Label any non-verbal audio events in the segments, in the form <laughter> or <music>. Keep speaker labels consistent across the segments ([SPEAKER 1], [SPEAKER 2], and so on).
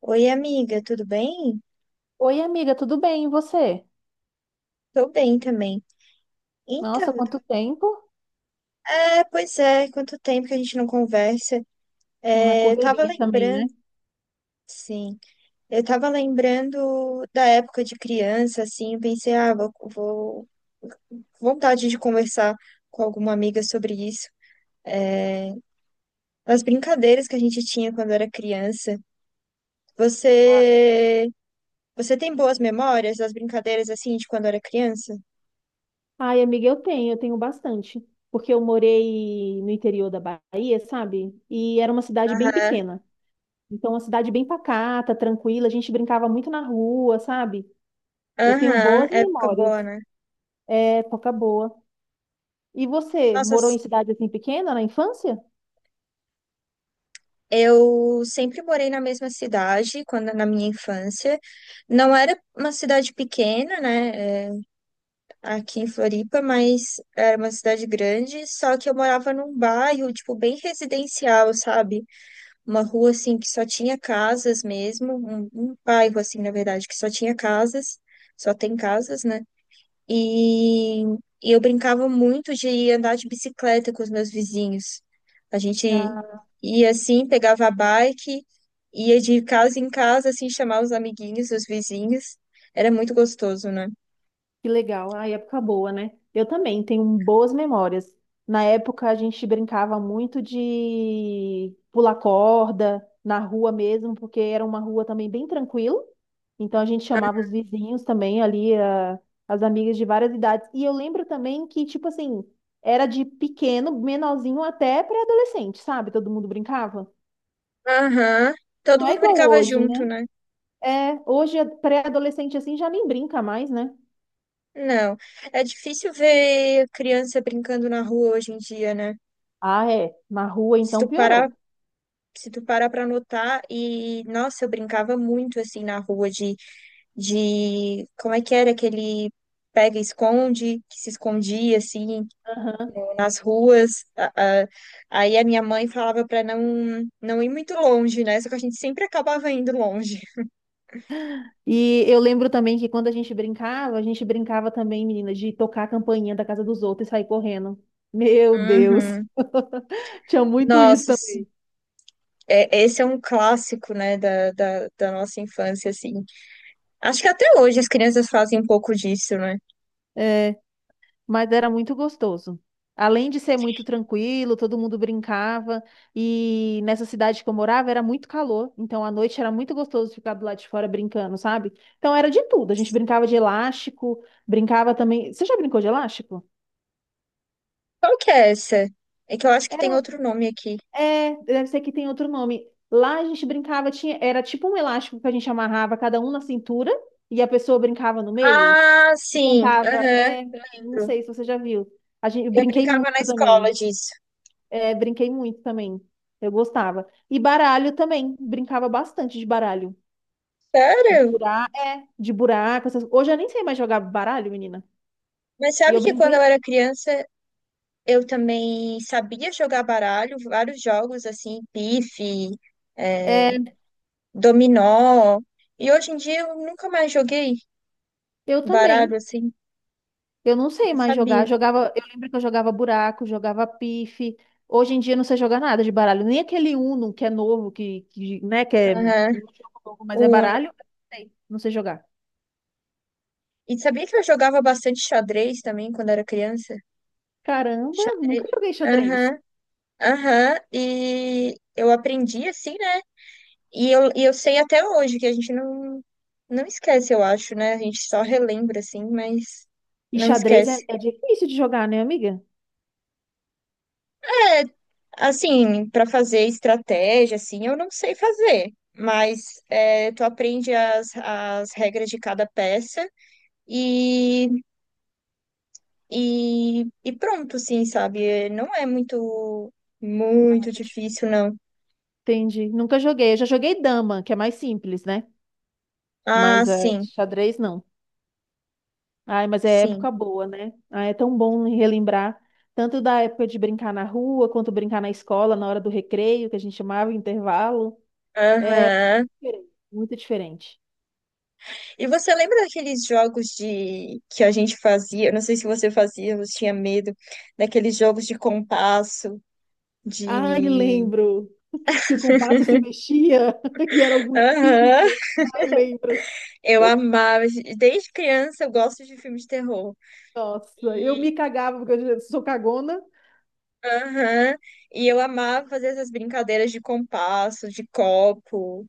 [SPEAKER 1] Oi, amiga, tudo bem?
[SPEAKER 2] Oi, amiga, tudo bem? E você?
[SPEAKER 1] Tô bem também.
[SPEAKER 2] Nossa,
[SPEAKER 1] Então,
[SPEAKER 2] quanto tempo?
[SPEAKER 1] pois é, quanto tempo que a gente não conversa.
[SPEAKER 2] Uma
[SPEAKER 1] É, eu tava
[SPEAKER 2] correria também, né?
[SPEAKER 1] lembrando, sim, eu tava lembrando da época de criança, assim, eu pensei, ah, vontade de conversar com alguma amiga sobre isso. É, as brincadeiras que a gente tinha quando era criança.
[SPEAKER 2] Ah,
[SPEAKER 1] Você, você tem boas memórias das brincadeiras, assim, de quando era criança?
[SPEAKER 2] ai, amiga, eu tenho bastante, porque eu morei no interior da Bahia, sabe? E era uma cidade bem
[SPEAKER 1] Aham,
[SPEAKER 2] pequena. Então, uma cidade bem pacata, tranquila, a gente brincava muito na rua, sabe? Eu tenho
[SPEAKER 1] aham,
[SPEAKER 2] boas
[SPEAKER 1] época
[SPEAKER 2] memórias,
[SPEAKER 1] boa, né?
[SPEAKER 2] é, época boa. E você,
[SPEAKER 1] Nossa,
[SPEAKER 2] morou em cidade assim pequena na infância?
[SPEAKER 1] eu sempre morei na mesma cidade quando na minha infância. Não era uma cidade pequena, né? É, aqui em Floripa, mas era uma cidade grande. Só que eu morava num bairro, tipo, bem residencial, sabe? Uma rua assim que só tinha casas mesmo, um bairro assim, na verdade, que só tinha casas, só tem casas, né? E, e eu brincava muito de andar de bicicleta com os meus vizinhos. A gente ia assim, pegava a bike, ia de casa em casa, assim, chamar os amiguinhos, os vizinhos. Era muito gostoso, né?
[SPEAKER 2] Que legal, a época boa, né? Eu também tenho boas memórias. Na época a gente brincava muito de pular corda na rua mesmo, porque era uma rua também bem tranquila. Então a gente chamava os vizinhos também ali, as amigas de várias idades. E eu lembro também que, tipo assim, era de pequeno, menorzinho até pré-adolescente, sabe? Todo mundo brincava.
[SPEAKER 1] Aham.
[SPEAKER 2] Não
[SPEAKER 1] Todo
[SPEAKER 2] é
[SPEAKER 1] mundo
[SPEAKER 2] igual
[SPEAKER 1] brincava
[SPEAKER 2] hoje, né?
[SPEAKER 1] junto, né?
[SPEAKER 2] É, hoje é pré-adolescente assim já nem brinca mais, né?
[SPEAKER 1] Não. É difícil ver criança brincando na rua hoje em dia, né?
[SPEAKER 2] Ah, é. Na rua
[SPEAKER 1] Se
[SPEAKER 2] então
[SPEAKER 1] tu parar,
[SPEAKER 2] piorou.
[SPEAKER 1] se tu parar pra notar, e nossa, eu brincava muito assim na rua de como é que era aquele pega e esconde, que se escondia assim
[SPEAKER 2] Aham.
[SPEAKER 1] nas ruas. A- Aí a minha mãe falava para não ir muito longe, né? Só que a gente sempre acabava indo longe.
[SPEAKER 2] E eu lembro também que quando a gente brincava também, menina, de tocar a campainha da casa dos outros e sair correndo. Meu Deus,
[SPEAKER 1] Uhum.
[SPEAKER 2] <laughs> tinha muito isso
[SPEAKER 1] Nossa, sim.
[SPEAKER 2] também.
[SPEAKER 1] É, esse é um clássico, né, da nossa infância, assim. Acho que até hoje as crianças fazem um pouco disso, né?
[SPEAKER 2] É, mas era muito gostoso. Além de ser muito tranquilo, todo mundo brincava. E nessa cidade que eu morava era muito calor, então à noite era muito gostoso ficar do lado de fora brincando, sabe? Então era de tudo. A gente brincava de elástico, brincava também. Você já brincou de elástico?
[SPEAKER 1] Qual que é essa? É que eu acho que tem
[SPEAKER 2] Era.
[SPEAKER 1] outro nome aqui.
[SPEAKER 2] É, deve ser que tem outro nome. Lá a gente brincava, tinha, era tipo um elástico que a gente amarrava cada um na cintura e a pessoa brincava no meio
[SPEAKER 1] Ah,
[SPEAKER 2] e
[SPEAKER 1] sim.
[SPEAKER 2] cantava.
[SPEAKER 1] Aham.
[SPEAKER 2] É, não sei se você já viu. A gente, eu
[SPEAKER 1] Eu
[SPEAKER 2] brinquei
[SPEAKER 1] brincava na
[SPEAKER 2] muito
[SPEAKER 1] escola
[SPEAKER 2] também.
[SPEAKER 1] disso.
[SPEAKER 2] É, brinquei muito também. Eu gostava. E baralho também. Brincava bastante de baralho. De
[SPEAKER 1] Sério?
[SPEAKER 2] furar, é, de buraco. Essas... Hoje eu nem sei mais jogar baralho, menina.
[SPEAKER 1] Mas
[SPEAKER 2] E
[SPEAKER 1] sabe
[SPEAKER 2] eu
[SPEAKER 1] que quando
[SPEAKER 2] brinquei.
[SPEAKER 1] eu era criança, eu também sabia jogar baralho, vários jogos assim, pife, é,
[SPEAKER 2] É,
[SPEAKER 1] dominó. E hoje em dia eu nunca mais joguei
[SPEAKER 2] eu
[SPEAKER 1] baralho
[SPEAKER 2] também.
[SPEAKER 1] assim.
[SPEAKER 2] Eu não
[SPEAKER 1] E
[SPEAKER 2] sei
[SPEAKER 1] eu
[SPEAKER 2] mais
[SPEAKER 1] sabia.
[SPEAKER 2] jogar. Jogava, eu lembro que eu jogava buraco, jogava pife. Hoje em dia eu não sei jogar nada de baralho. Nem aquele Uno que é novo, que, né, que é um
[SPEAKER 1] Aham.
[SPEAKER 2] jogo novo, mas é
[SPEAKER 1] Uno.
[SPEAKER 2] baralho. Eu não sei, não sei jogar.
[SPEAKER 1] E sabia que eu jogava bastante xadrez também quando era criança?
[SPEAKER 2] Caramba,
[SPEAKER 1] Xadrez.
[SPEAKER 2] nunca joguei xadrez.
[SPEAKER 1] Aham, aham. E eu aprendi assim, né? E eu sei até hoje que a gente não, não esquece, eu acho, né? A gente só relembra assim, mas
[SPEAKER 2] E
[SPEAKER 1] não
[SPEAKER 2] xadrez é,
[SPEAKER 1] esquece.
[SPEAKER 2] é difícil de jogar, né, amiga?
[SPEAKER 1] É, assim, para fazer estratégia, assim, eu não sei fazer, mas é, tu aprende as regras de cada peça e, e pronto, assim, sabe? Não é
[SPEAKER 2] Não, mas é
[SPEAKER 1] muito
[SPEAKER 2] muito difícil.
[SPEAKER 1] difícil, não.
[SPEAKER 2] Entendi. Nunca joguei. Eu já joguei dama, que é mais simples, né?
[SPEAKER 1] Ah,
[SPEAKER 2] Mas é, xadrez não. Ai, mas é
[SPEAKER 1] sim.
[SPEAKER 2] época boa, né? Ah, é tão bom relembrar tanto da época de brincar na rua, quanto brincar na escola, na hora do recreio, que a gente chamava intervalo.
[SPEAKER 1] Aham.
[SPEAKER 2] Diferente, muito diferente.
[SPEAKER 1] E você lembra daqueles jogos de que a gente fazia? Eu não sei se você fazia, você tinha medo daqueles jogos de compasso,
[SPEAKER 2] Ai,
[SPEAKER 1] de
[SPEAKER 2] lembro que o compasso se mexia <laughs> e era algum
[SPEAKER 1] Aham.
[SPEAKER 2] espírito. Ai, lembro.
[SPEAKER 1] Eu amava, desde criança eu gosto de filmes de terror.
[SPEAKER 2] Nossa, eu
[SPEAKER 1] E,
[SPEAKER 2] me cagava porque eu já sou cagona.
[SPEAKER 1] aham, e eu amava fazer essas brincadeiras de compasso, de copo.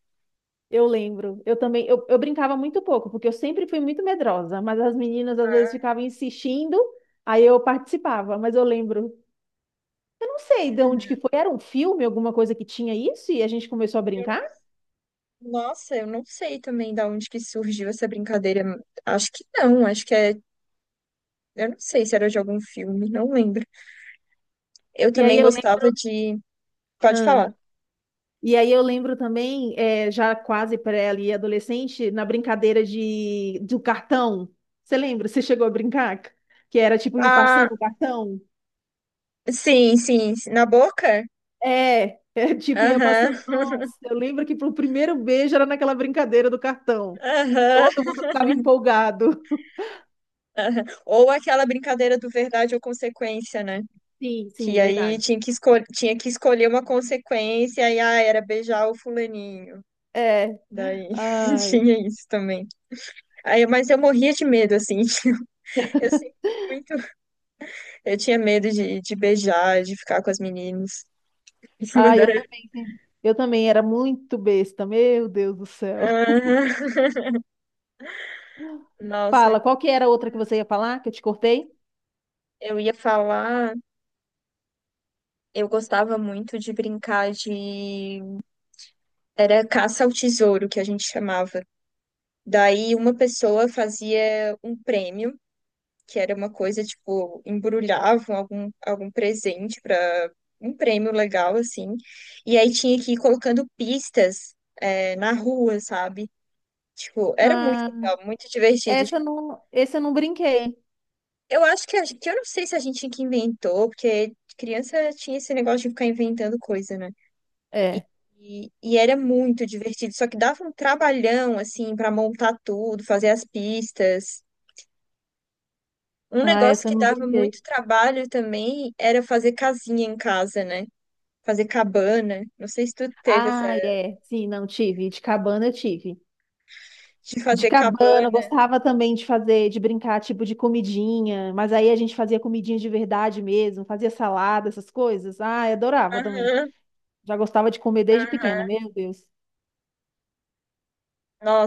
[SPEAKER 2] Eu lembro. Eu também, eu brincava muito pouco, porque eu sempre fui muito medrosa, mas as meninas às vezes
[SPEAKER 1] Ah,
[SPEAKER 2] ficavam insistindo, aí eu participava, mas eu lembro. Eu não sei de onde que foi. Era um filme, alguma coisa que tinha isso, e a gente começou a
[SPEAKER 1] Eu não-
[SPEAKER 2] brincar.
[SPEAKER 1] nossa, eu não sei também da onde que surgiu essa brincadeira. Acho que é. Eu não sei se era de algum filme, não lembro. Eu
[SPEAKER 2] E aí
[SPEAKER 1] também
[SPEAKER 2] eu
[SPEAKER 1] gostava
[SPEAKER 2] lembro.
[SPEAKER 1] de. Pode
[SPEAKER 2] Ah.
[SPEAKER 1] falar.
[SPEAKER 2] E aí eu lembro também, já quase pré ali, adolescente, na brincadeira de do cartão. Você lembra? Você chegou a brincar? Que era tipo ir
[SPEAKER 1] Ah,
[SPEAKER 2] passando o cartão?
[SPEAKER 1] sim. Na boca?
[SPEAKER 2] É, é <laughs> tipo ia
[SPEAKER 1] Aham,
[SPEAKER 2] passando. Nossa, eu lembro que pro primeiro beijo era naquela brincadeira do
[SPEAKER 1] <laughs>
[SPEAKER 2] cartão.
[SPEAKER 1] aham,
[SPEAKER 2] Todo mundo ficava empolgado.
[SPEAKER 1] aham. Ou aquela brincadeira do verdade ou consequência, né?
[SPEAKER 2] Sim, sim,
[SPEAKER 1] Que aí
[SPEAKER 2] verdade.
[SPEAKER 1] tinha que, escol tinha que escolher uma consequência, e ah, era beijar o fulaninho.
[SPEAKER 2] É.
[SPEAKER 1] Daí <laughs>
[SPEAKER 2] Ai.
[SPEAKER 1] tinha isso também. Aí, mas eu morria de medo, assim. <laughs> Eu sempre fui muito. Eu tinha medo de beijar, de ficar com as meninas. <laughs>
[SPEAKER 2] Ah,
[SPEAKER 1] Mas
[SPEAKER 2] eu
[SPEAKER 1] era-
[SPEAKER 2] também. Sim. Eu também era muito besta, meu Deus do céu.
[SPEAKER 1] Ah, nossa,
[SPEAKER 2] Fala, qual que era a outra que você ia falar, que eu te cortei?
[SPEAKER 1] eu ia falar. Eu gostava muito de brincar de. Era caça ao tesouro, que a gente chamava. Daí uma pessoa fazia um prêmio, que era uma coisa, tipo, embrulhavam algum presente para um prêmio legal, assim. E aí tinha que ir colocando pistas, é, na rua, sabe? Tipo, era muito
[SPEAKER 2] Ah,
[SPEAKER 1] legal, muito divertido. Tipo,
[SPEAKER 2] essa eu não brinquei.
[SPEAKER 1] eu acho que eu não sei se a gente que inventou, porque criança tinha esse negócio de ficar inventando coisa, né?
[SPEAKER 2] É.
[SPEAKER 1] E era muito divertido, só que dava um trabalhão, assim, para montar tudo, fazer as pistas. Um
[SPEAKER 2] Ah,
[SPEAKER 1] negócio
[SPEAKER 2] essa eu
[SPEAKER 1] que
[SPEAKER 2] não
[SPEAKER 1] dava
[SPEAKER 2] brinquei.
[SPEAKER 1] muito trabalho também era fazer casinha em casa, né? Fazer cabana. Não sei se tu teve essa
[SPEAKER 2] Ah, é. Sim, não tive. De cabana eu tive.
[SPEAKER 1] de
[SPEAKER 2] De
[SPEAKER 1] fazer
[SPEAKER 2] cabana, eu
[SPEAKER 1] cabana.
[SPEAKER 2] gostava também de fazer, de brincar, tipo, de comidinha. Mas aí a gente fazia comidinha de verdade mesmo, fazia salada, essas coisas. Ah, eu adorava também.
[SPEAKER 1] Aham.
[SPEAKER 2] Já gostava de comer desde
[SPEAKER 1] Aham.
[SPEAKER 2] pequena, meu Deus.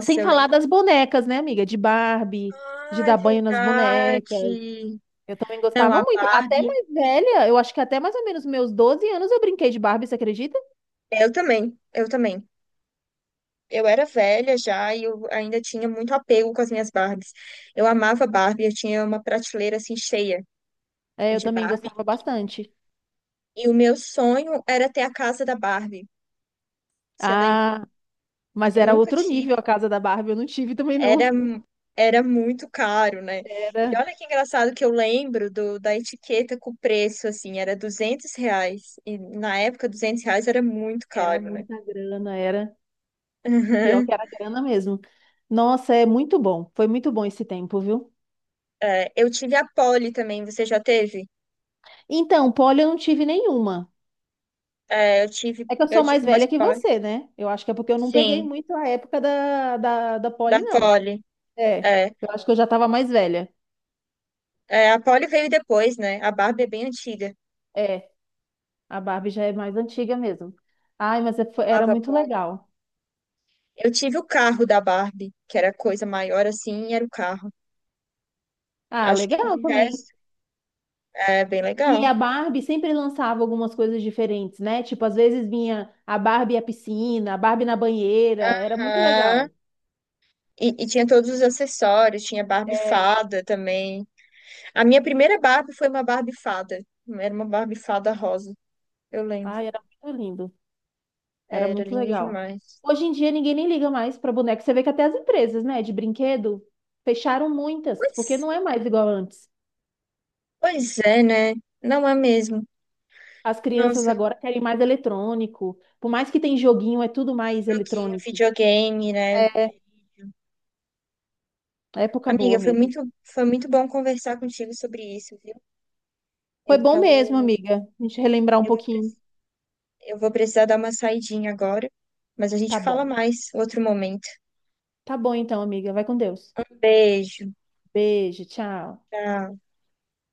[SPEAKER 2] Sem
[SPEAKER 1] eu
[SPEAKER 2] falar
[SPEAKER 1] lembro.
[SPEAKER 2] das bonecas, né, amiga? De Barbie, de
[SPEAKER 1] Ah, é
[SPEAKER 2] dar banho nas bonecas.
[SPEAKER 1] verdade.
[SPEAKER 2] Eu também
[SPEAKER 1] Não,
[SPEAKER 2] gostava
[SPEAKER 1] a
[SPEAKER 2] muito. Até
[SPEAKER 1] Barbie.
[SPEAKER 2] mais velha, eu acho que até mais ou menos meus 12 anos eu brinquei de Barbie, você acredita?
[SPEAKER 1] Eu também. Eu era velha já e eu ainda tinha muito apego com as minhas Barbies. Eu amava Barbie, eu tinha uma prateleira assim cheia
[SPEAKER 2] É, eu
[SPEAKER 1] de
[SPEAKER 2] também
[SPEAKER 1] Barbie.
[SPEAKER 2] gostava bastante.
[SPEAKER 1] E o meu sonho era ter a casa da Barbie. Você lembra?
[SPEAKER 2] Ah, mas
[SPEAKER 1] Eu
[SPEAKER 2] era
[SPEAKER 1] nunca
[SPEAKER 2] outro nível
[SPEAKER 1] tive.
[SPEAKER 2] a casa da Barbie, eu não tive também
[SPEAKER 1] Era,
[SPEAKER 2] não.
[SPEAKER 1] era muito caro, né? E
[SPEAKER 2] Era,
[SPEAKER 1] olha que engraçado que eu lembro da etiqueta com o preço, assim, era 200 reais. E na época, 200 reais era muito
[SPEAKER 2] era
[SPEAKER 1] caro, né?
[SPEAKER 2] muita
[SPEAKER 1] <laughs>
[SPEAKER 2] grana, era pior que
[SPEAKER 1] Uhum.
[SPEAKER 2] era grana mesmo. Nossa, é muito bom. Foi muito bom esse tempo, viu?
[SPEAKER 1] É, eu tive a Poli também, você já teve?
[SPEAKER 2] Então, poli eu não tive nenhuma.
[SPEAKER 1] É,
[SPEAKER 2] É que eu sou
[SPEAKER 1] eu
[SPEAKER 2] mais
[SPEAKER 1] tive umas
[SPEAKER 2] velha que
[SPEAKER 1] Poli.
[SPEAKER 2] você, né? Eu acho que é porque eu não peguei
[SPEAKER 1] Sim,
[SPEAKER 2] muito a época da
[SPEAKER 1] da
[SPEAKER 2] Polly, não.
[SPEAKER 1] Poli.
[SPEAKER 2] É,
[SPEAKER 1] É,
[SPEAKER 2] eu acho que eu já tava mais velha.
[SPEAKER 1] é, a Poli veio depois, né? A Barbie é bem antiga.
[SPEAKER 2] É, a Barbie já é mais antiga mesmo. Ai, mas é-
[SPEAKER 1] Eu
[SPEAKER 2] foi- Era
[SPEAKER 1] amava a
[SPEAKER 2] muito
[SPEAKER 1] Polly.
[SPEAKER 2] legal.
[SPEAKER 1] Eu tive o carro da Barbie, que era coisa maior assim, e era o carro.
[SPEAKER 2] Ah,
[SPEAKER 1] Acho que o
[SPEAKER 2] legal
[SPEAKER 1] de
[SPEAKER 2] também.
[SPEAKER 1] resto é bem
[SPEAKER 2] E
[SPEAKER 1] legal.
[SPEAKER 2] a Barbie sempre lançava algumas coisas diferentes, né? Tipo, às vezes vinha a Barbie à piscina, a Barbie na banheira. Era muito
[SPEAKER 1] Aham.
[SPEAKER 2] legal.
[SPEAKER 1] E tinha todos os acessórios, tinha Barbie
[SPEAKER 2] É.
[SPEAKER 1] fada também. A minha primeira Barbie foi uma Barbie fada. Era uma Barbie fada rosa, eu lembro.
[SPEAKER 2] Ai, era muito lindo. Era
[SPEAKER 1] Era
[SPEAKER 2] muito
[SPEAKER 1] linda
[SPEAKER 2] legal.
[SPEAKER 1] demais.
[SPEAKER 2] Hoje em dia ninguém nem liga mais para boneco. Você vê que até as empresas, né, de brinquedo fecharam muitas, porque
[SPEAKER 1] Pois,
[SPEAKER 2] não é mais igual antes.
[SPEAKER 1] pois é, né? Não é mesmo.
[SPEAKER 2] As crianças
[SPEAKER 1] Nossa,
[SPEAKER 2] agora querem mais eletrônico. Por mais que tem joguinho, é tudo mais
[SPEAKER 1] joguinho,
[SPEAKER 2] eletrônico.
[SPEAKER 1] videogame, né?
[SPEAKER 2] É, é época boa
[SPEAKER 1] Amiga,
[SPEAKER 2] mesmo.
[SPEAKER 1] foi muito bom conversar contigo sobre isso, viu?
[SPEAKER 2] Foi
[SPEAKER 1] Eu
[SPEAKER 2] bom mesmo,
[SPEAKER 1] tô,
[SPEAKER 2] amiga. A gente relembrar um
[SPEAKER 1] eu vou,
[SPEAKER 2] pouquinho.
[SPEAKER 1] preci- eu vou precisar dar uma saidinha agora, mas a gente
[SPEAKER 2] Tá
[SPEAKER 1] fala
[SPEAKER 2] bom.
[SPEAKER 1] mais outro momento.
[SPEAKER 2] Tá bom então, amiga. Vai com Deus.
[SPEAKER 1] Um beijo,
[SPEAKER 2] Beijo, tchau.
[SPEAKER 1] tchau.